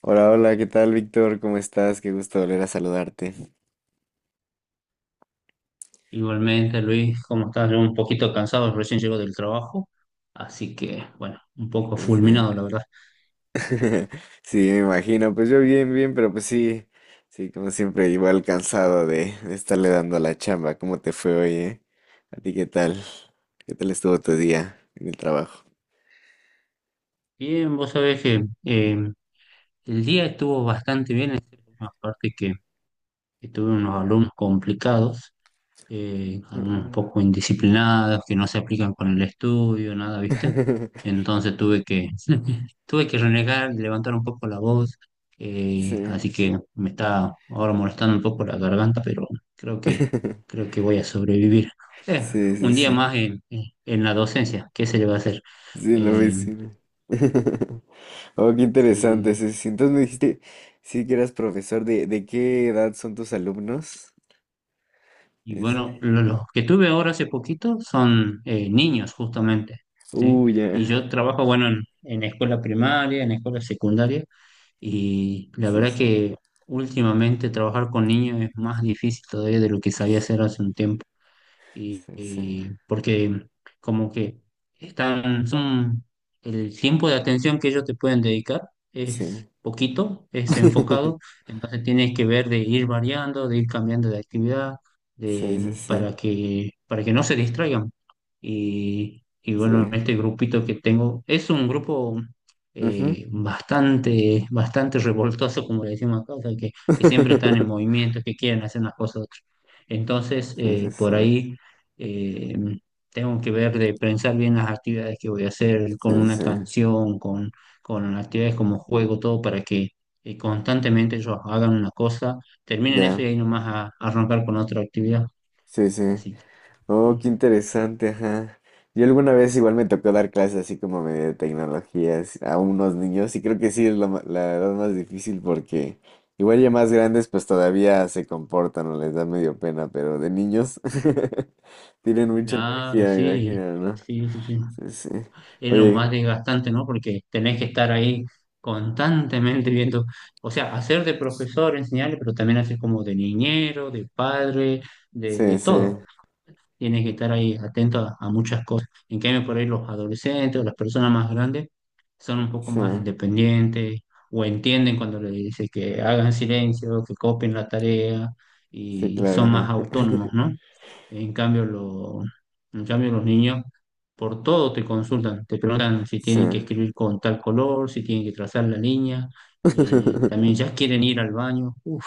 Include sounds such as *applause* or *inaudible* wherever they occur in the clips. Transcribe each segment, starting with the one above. Hola, hola, ¿qué tal, Víctor? ¿Cómo estás? Qué gusto volver a saludarte. Igualmente, Luis, ¿cómo estás? Yo un poquito cansado, recién llego del trabajo, así que, bueno, un poco Este, fulminado, la verdad. *laughs* Sí, me imagino. Pues yo bien, bien, pero pues sí, sí, como siempre, igual cansado de estarle dando a la chamba. ¿Cómo te fue hoy, eh? ¿A ti qué tal? ¿Qué tal estuvo tu día en el trabajo? Bien, vos sabés que el día estuvo bastante bien, aparte que tuve unos alumnos complicados, algunos un Ujú. poco indisciplinados, que no se aplican con el estudio, nada, ¿viste? *laughs* Entonces *laughs* tuve que renegar, levantar un poco la voz, Sí. así que me está ahora molestando un poco la garganta, pero creo que, *laughs* creo que voy a sobrevivir. Eh, Sí, sí, un día sí. más en la docencia, ¿qué se le va a hacer? Sí, la Eh, vecina. *laughs* Oh, qué interesante. sí. Sí, sí. Entonces me dijiste, sí que eras profesor, ¿de qué edad son tus alumnos? Y bueno, los que tuve ahora hace poquito son niños justamente, ¿sí? Uy, Y ajá. yo trabajo, bueno, en escuela primaria, en escuela secundaria, y la Sí, verdad sí, que últimamente trabajar con niños es más difícil todavía de lo que sabía hacer hace un tiempo y, sí, sí, y porque como que están, son, el tiempo de atención que ellos te pueden dedicar es sí. poquito, es enfocado, *laughs* entonces tienes que ver de ir variando, de ir cambiando de actividad, Sí, sí, sí, para que no se distraigan. Y bueno, sí. este grupito que tengo es un grupo Ujú. Bastante revoltoso, como le decimos acá, o sea, que siempre están en *laughs* movimiento, que quieren hacer unas cosas u otras. Entonces, Sí, sí, sí, por ahí eh, tengo que ver de pensar bien las actividades que voy a hacer con sí, una sí. canción, con actividades como juego, todo para que constantemente ellos hagan una cosa, terminen eso Ya, y ahí nomás a arrancar con otra actividad. sí, sí. Así que, Oh, qué sí, interesante, ajá. Yo alguna vez igual me tocó dar clases así como medio de tecnologías a unos niños y creo que sí es la edad más difícil porque igual ya más grandes pues todavía se comportan o les da medio pena, pero de niños *laughs* tienen mucha claro, energía, me sí, imagino, ¿no? sí, sí, sí. Sí, sí. Es lo más Oye, desgastante, ¿no? Porque tenés que estar ahí constantemente viendo, o sea, hacer de profesor, enseñarle, pero también hacer como de niñero, de padre, de sí, sí, todo. Tiene que estar ahí atento a muchas cosas. En cambio, por ahí los adolescentes o las personas más grandes son un poco sí, más independientes o entienden cuando le dice que hagan silencio, que copien la tarea sí, y claro. son más Ajá. autónomos, *laughs* ¿no? En cambio, lo- en cambio los niños por todo te consultan, te preguntan si Sí. tienen que escribir con tal color, si tienen que trazar la línea, también ya *laughs* quieren ir al baño. Uf,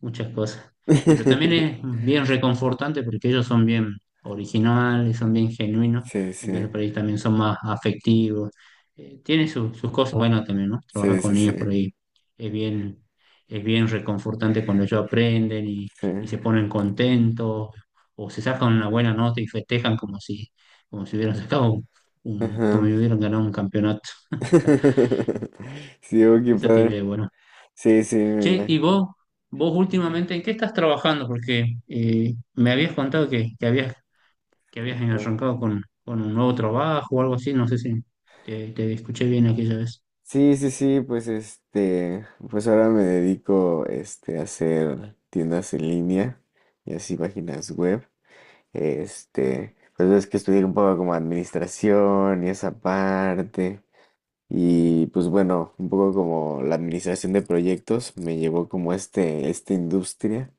muchas cosas. Pero también es bien reconfortante porque ellos son bien originales, son bien genuinos, Sí, entonces sí, por ahí también son más afectivos. Tiene sus cosas buenas también, ¿no? Trabajar sí, con sí, sí, niños por ahí es bien, es bien reconfortante cuando ellos aprenden sí. y se ponen contentos o se sacan una buena nota y festejan como si hubieran sacado como Ajá. si hubieran ganado un campeonato. *laughs* Sí, oh, qué Eso tiene padre. de bueno. Sí, sí, me Che, imagino. ¿Vos Ajá. últimamente en qué estás trabajando? Porque me habías contado que habías arrancado con un nuevo trabajo o algo así, no sé si te escuché bien aquella vez. Sí, sí, sí, pues pues ahora me dedico a hacer tiendas en línea y así páginas web. Pues es que estudié un poco como administración y esa parte. Y pues bueno, un poco como la administración de proyectos me llevó como esta industria.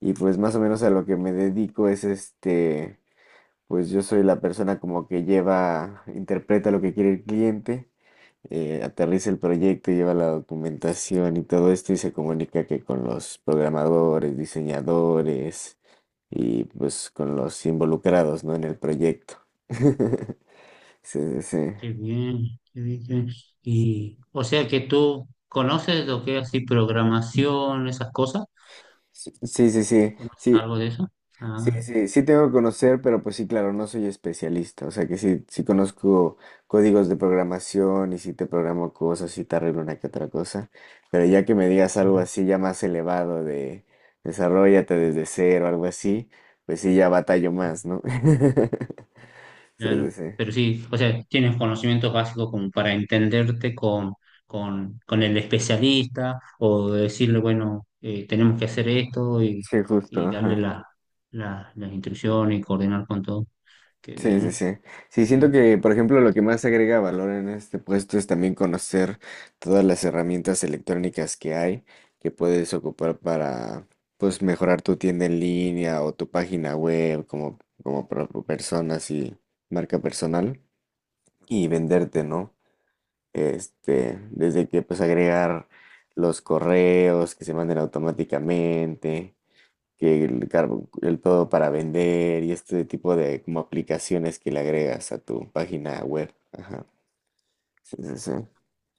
Y pues más o menos a lo que me dedico es pues yo soy la persona como que lleva, interpreta lo que quiere el cliente, aterriza el proyecto, lleva la documentación y todo esto y se comunica que con los programadores, diseñadores y pues con los involucrados, ¿no? En el proyecto. *laughs* Sí, sí, Qué bien, qué bien, qué bien. Y, o sea que tú conoces lo que es así programación, esas cosas, sí. Sí, sí, sí, ¿conoces sí, algo de eso? sí, Ah, sí, sí tengo que conocer, pero pues sí, claro, no soy especialista, o sea que sí, sí conozco códigos de programación y sí te programo cosas y te arreglo una que otra cosa, pero ya que me digas algo así ya más elevado de desarrollate desde cero, algo así, pues sí, ya batallo más, ¿no? *laughs* Sí, sí, claro, sí, pero sí, o sea, tienes conocimientos básicos como para entenderte con el especialista o decirle, bueno, tenemos que hacer esto sí, justo, y darle ajá. Las instrucciones y coordinar con todo. Qué Sí, sí, bien, sí. Sí, qué siento bien. que, por ejemplo, lo que más agrega valor en este puesto es también conocer todas las herramientas electrónicas que hay que puedes ocupar para, pues, mejorar tu tienda en línea o tu página web como, como persona, así, marca personal y venderte, ¿no? Desde que, pues, agregar los correos que se manden automáticamente que el todo para vender y este tipo de como aplicaciones que le agregas a tu página web. Ajá. Sí, sí, sí.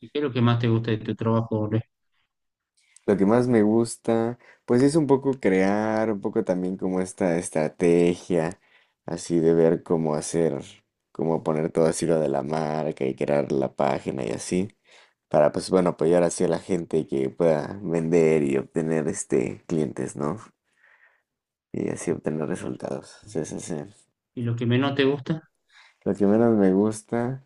¿Y qué es lo que más te gusta de tu trabajo, Ole? Lo que más me gusta, pues es un poco crear, un poco también como esta estrategia, así de ver cómo hacer, cómo poner todo así lo de la marca y crear la página y así, para pues bueno, apoyar así a la gente que pueda vender y obtener este clientes, ¿no? Y así obtener Claro. resultados. ¿No? Sí, sí, sí. ¿Y lo que menos te gusta? Lo que menos me gusta,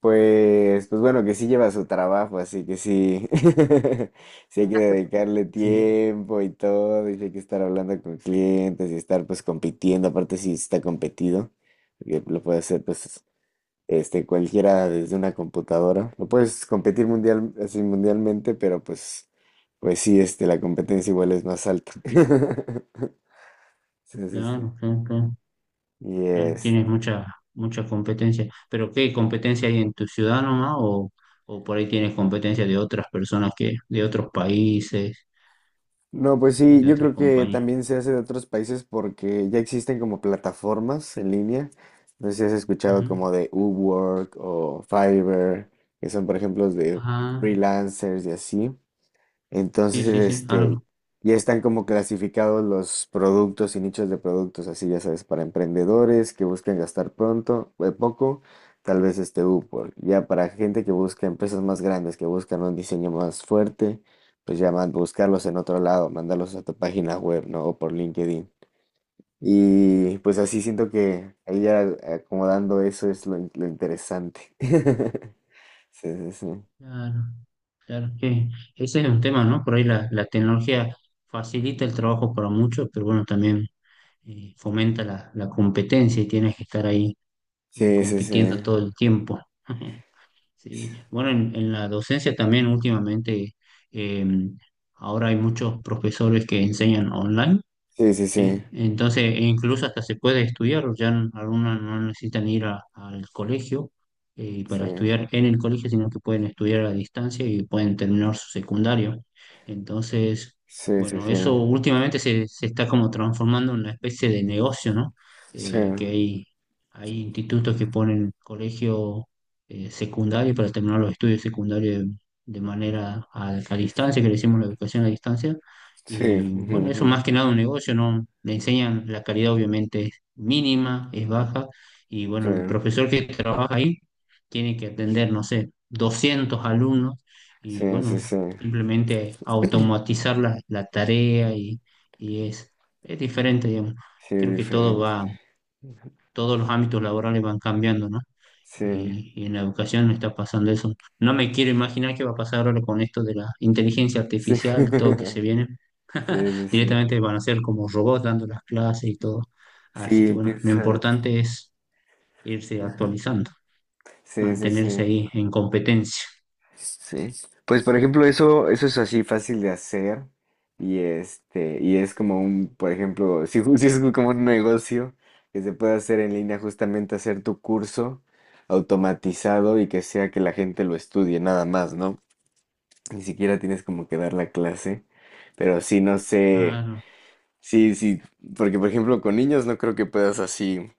pues, pues bueno, que sí lleva su trabajo, así que sí, *laughs* sí hay que dedicarle Sí, tiempo y todo, y sí hay que estar hablando con clientes y estar pues compitiendo, aparte si está competido, porque lo puede hacer pues este cualquiera desde una computadora, lo puedes competir mundial, así mundialmente, pero pues, pues sí, este, la competencia igual es más alta. *laughs* Sí, sí, sí. claro, claro, claro. Y Tienes mucha, mucha competencia, pero ¿qué competencia hay en tu ciudad nomás? O por ahí tienes competencia de otras personas que, de otros países, no, pues o sí, de yo otras creo que compañías? también se hace de otros países porque ya existen como plataformas en línea. No sé si has escuchado Ujú. como de Upwork o Fiverr, que son por ejemplo de Ah, freelancers y así. sí, Entonces, sí, sí, este, claro, ya están como clasificados los productos y nichos de productos, así ya sabes, para emprendedores que buscan gastar pronto, poco, tal vez este Upwork. Ya para gente que busca empresas más grandes, que buscan un diseño más fuerte, pues ya buscarlos en otro lado, mandarlos a tu página web, ¿no? O por LinkedIn. Y pues así siento que ahí ya acomodando eso es lo interesante. *laughs* Sí, sí, sí. claro, claro, que ese es un tema, ¿no? Por ahí la tecnología facilita el trabajo para muchos, pero bueno, también fomenta la competencia y tienes que estar ahí Sí, sí, sí. compitiendo todo el tiempo. *laughs* Sí, bueno, en la docencia también últimamente, eh, ahora hay muchos profesores que enseñan online Sí, sí, sí. ¿sí? Entonces, e incluso hasta se puede estudiar, ya algunos no necesitan ir al colegio Sí. para estudiar en el colegio, sino que pueden estudiar a distancia y pueden terminar su secundario. Entonces, Sí, sí, bueno, sí. eso últimamente se está como transformando en una especie de negocio, ¿no? Sí, Eh, que hay, hay institutos que ponen colegio secundario para terminar los estudios secundarios de manera a distancia, que le decimos la educación a distancia sí. y bueno, eso Ujú, más que nada un negocio, ¿no? Le enseñan la calidad obviamente es mínima, es baja, y bueno, el ujú. profesor que trabaja ahí tiene que atender, no sé, 200 alumnos Sí, y sí, sí, bueno, sí. simplemente automatizar la tarea y es, es diferente, digamos. Sí, es Creo que todo diferente. va, todos los ámbitos laborales van cambiando, ¿no? Sí, sí. Y en la educación no está pasando eso. No me quiero imaginar qué va a pasar ahora con esto de la inteligencia artificial, todo que se *laughs* Sí, viene sí, sí. directamente van a ser como robots dando las clases y todo. Así que Sí, bueno, lo quizás. importante es irse actualizando, Sí, sí, mantenerse sí. ahí en competencia. Sí. Pues por ejemplo, eso es así fácil de hacer. Y es como por ejemplo, *laughs* si es como un negocio que se puede hacer en línea, justamente hacer tu curso automatizado y que sea que la gente lo estudie nada más, ¿no? Ni siquiera tienes como que dar la clase, pero sí, no sé, Claro, sí, sí, porque por ejemplo con niños no creo que puedas así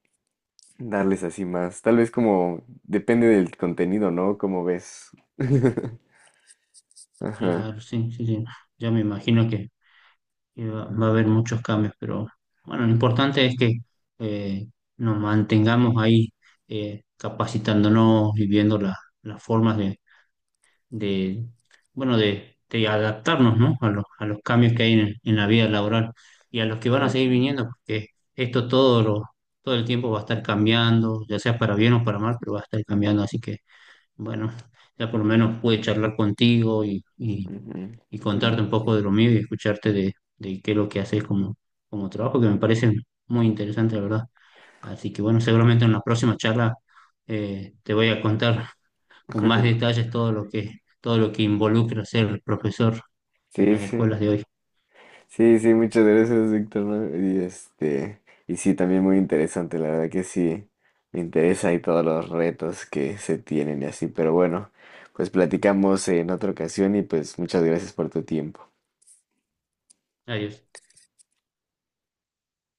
darles así más, tal vez como depende del contenido, ¿no? Como ves. *laughs* Ajá, claro, sí, sí, sí. Ya me imagino que va a haber muchos cambios, pero bueno, lo importante es que eh, nos mantengamos ahí capacitándonos y viendo las formas de, bueno, de adaptarnos, ¿no? A los cambios que hay en la vida laboral y a los que van sí. a seguir Sí. viniendo, porque esto todo, lo, todo el tiempo va a estar cambiando, ya sea para bien o para mal, pero va a estar cambiando. Así que, bueno, ya por lo menos pude charlar contigo Ujú, y ujú. contarte un poco de lo mío y escucharte de qué es lo que haces como, como trabajo, que me parece muy interesante, la verdad. Así que, bueno, seguramente en la próxima charla te voy a contar con más *laughs* detalles todo lo que involucra ser profesor en Sí, las sí. escuelas de hoy. Sí, sí, muchas gracias, Víctor, ¿no? Y sí, también muy interesante, la verdad que sí, me interesa y todos los retos que se tienen y así, pero bueno, pues platicamos en otra ocasión y pues muchas gracias por tu tiempo. Adiós.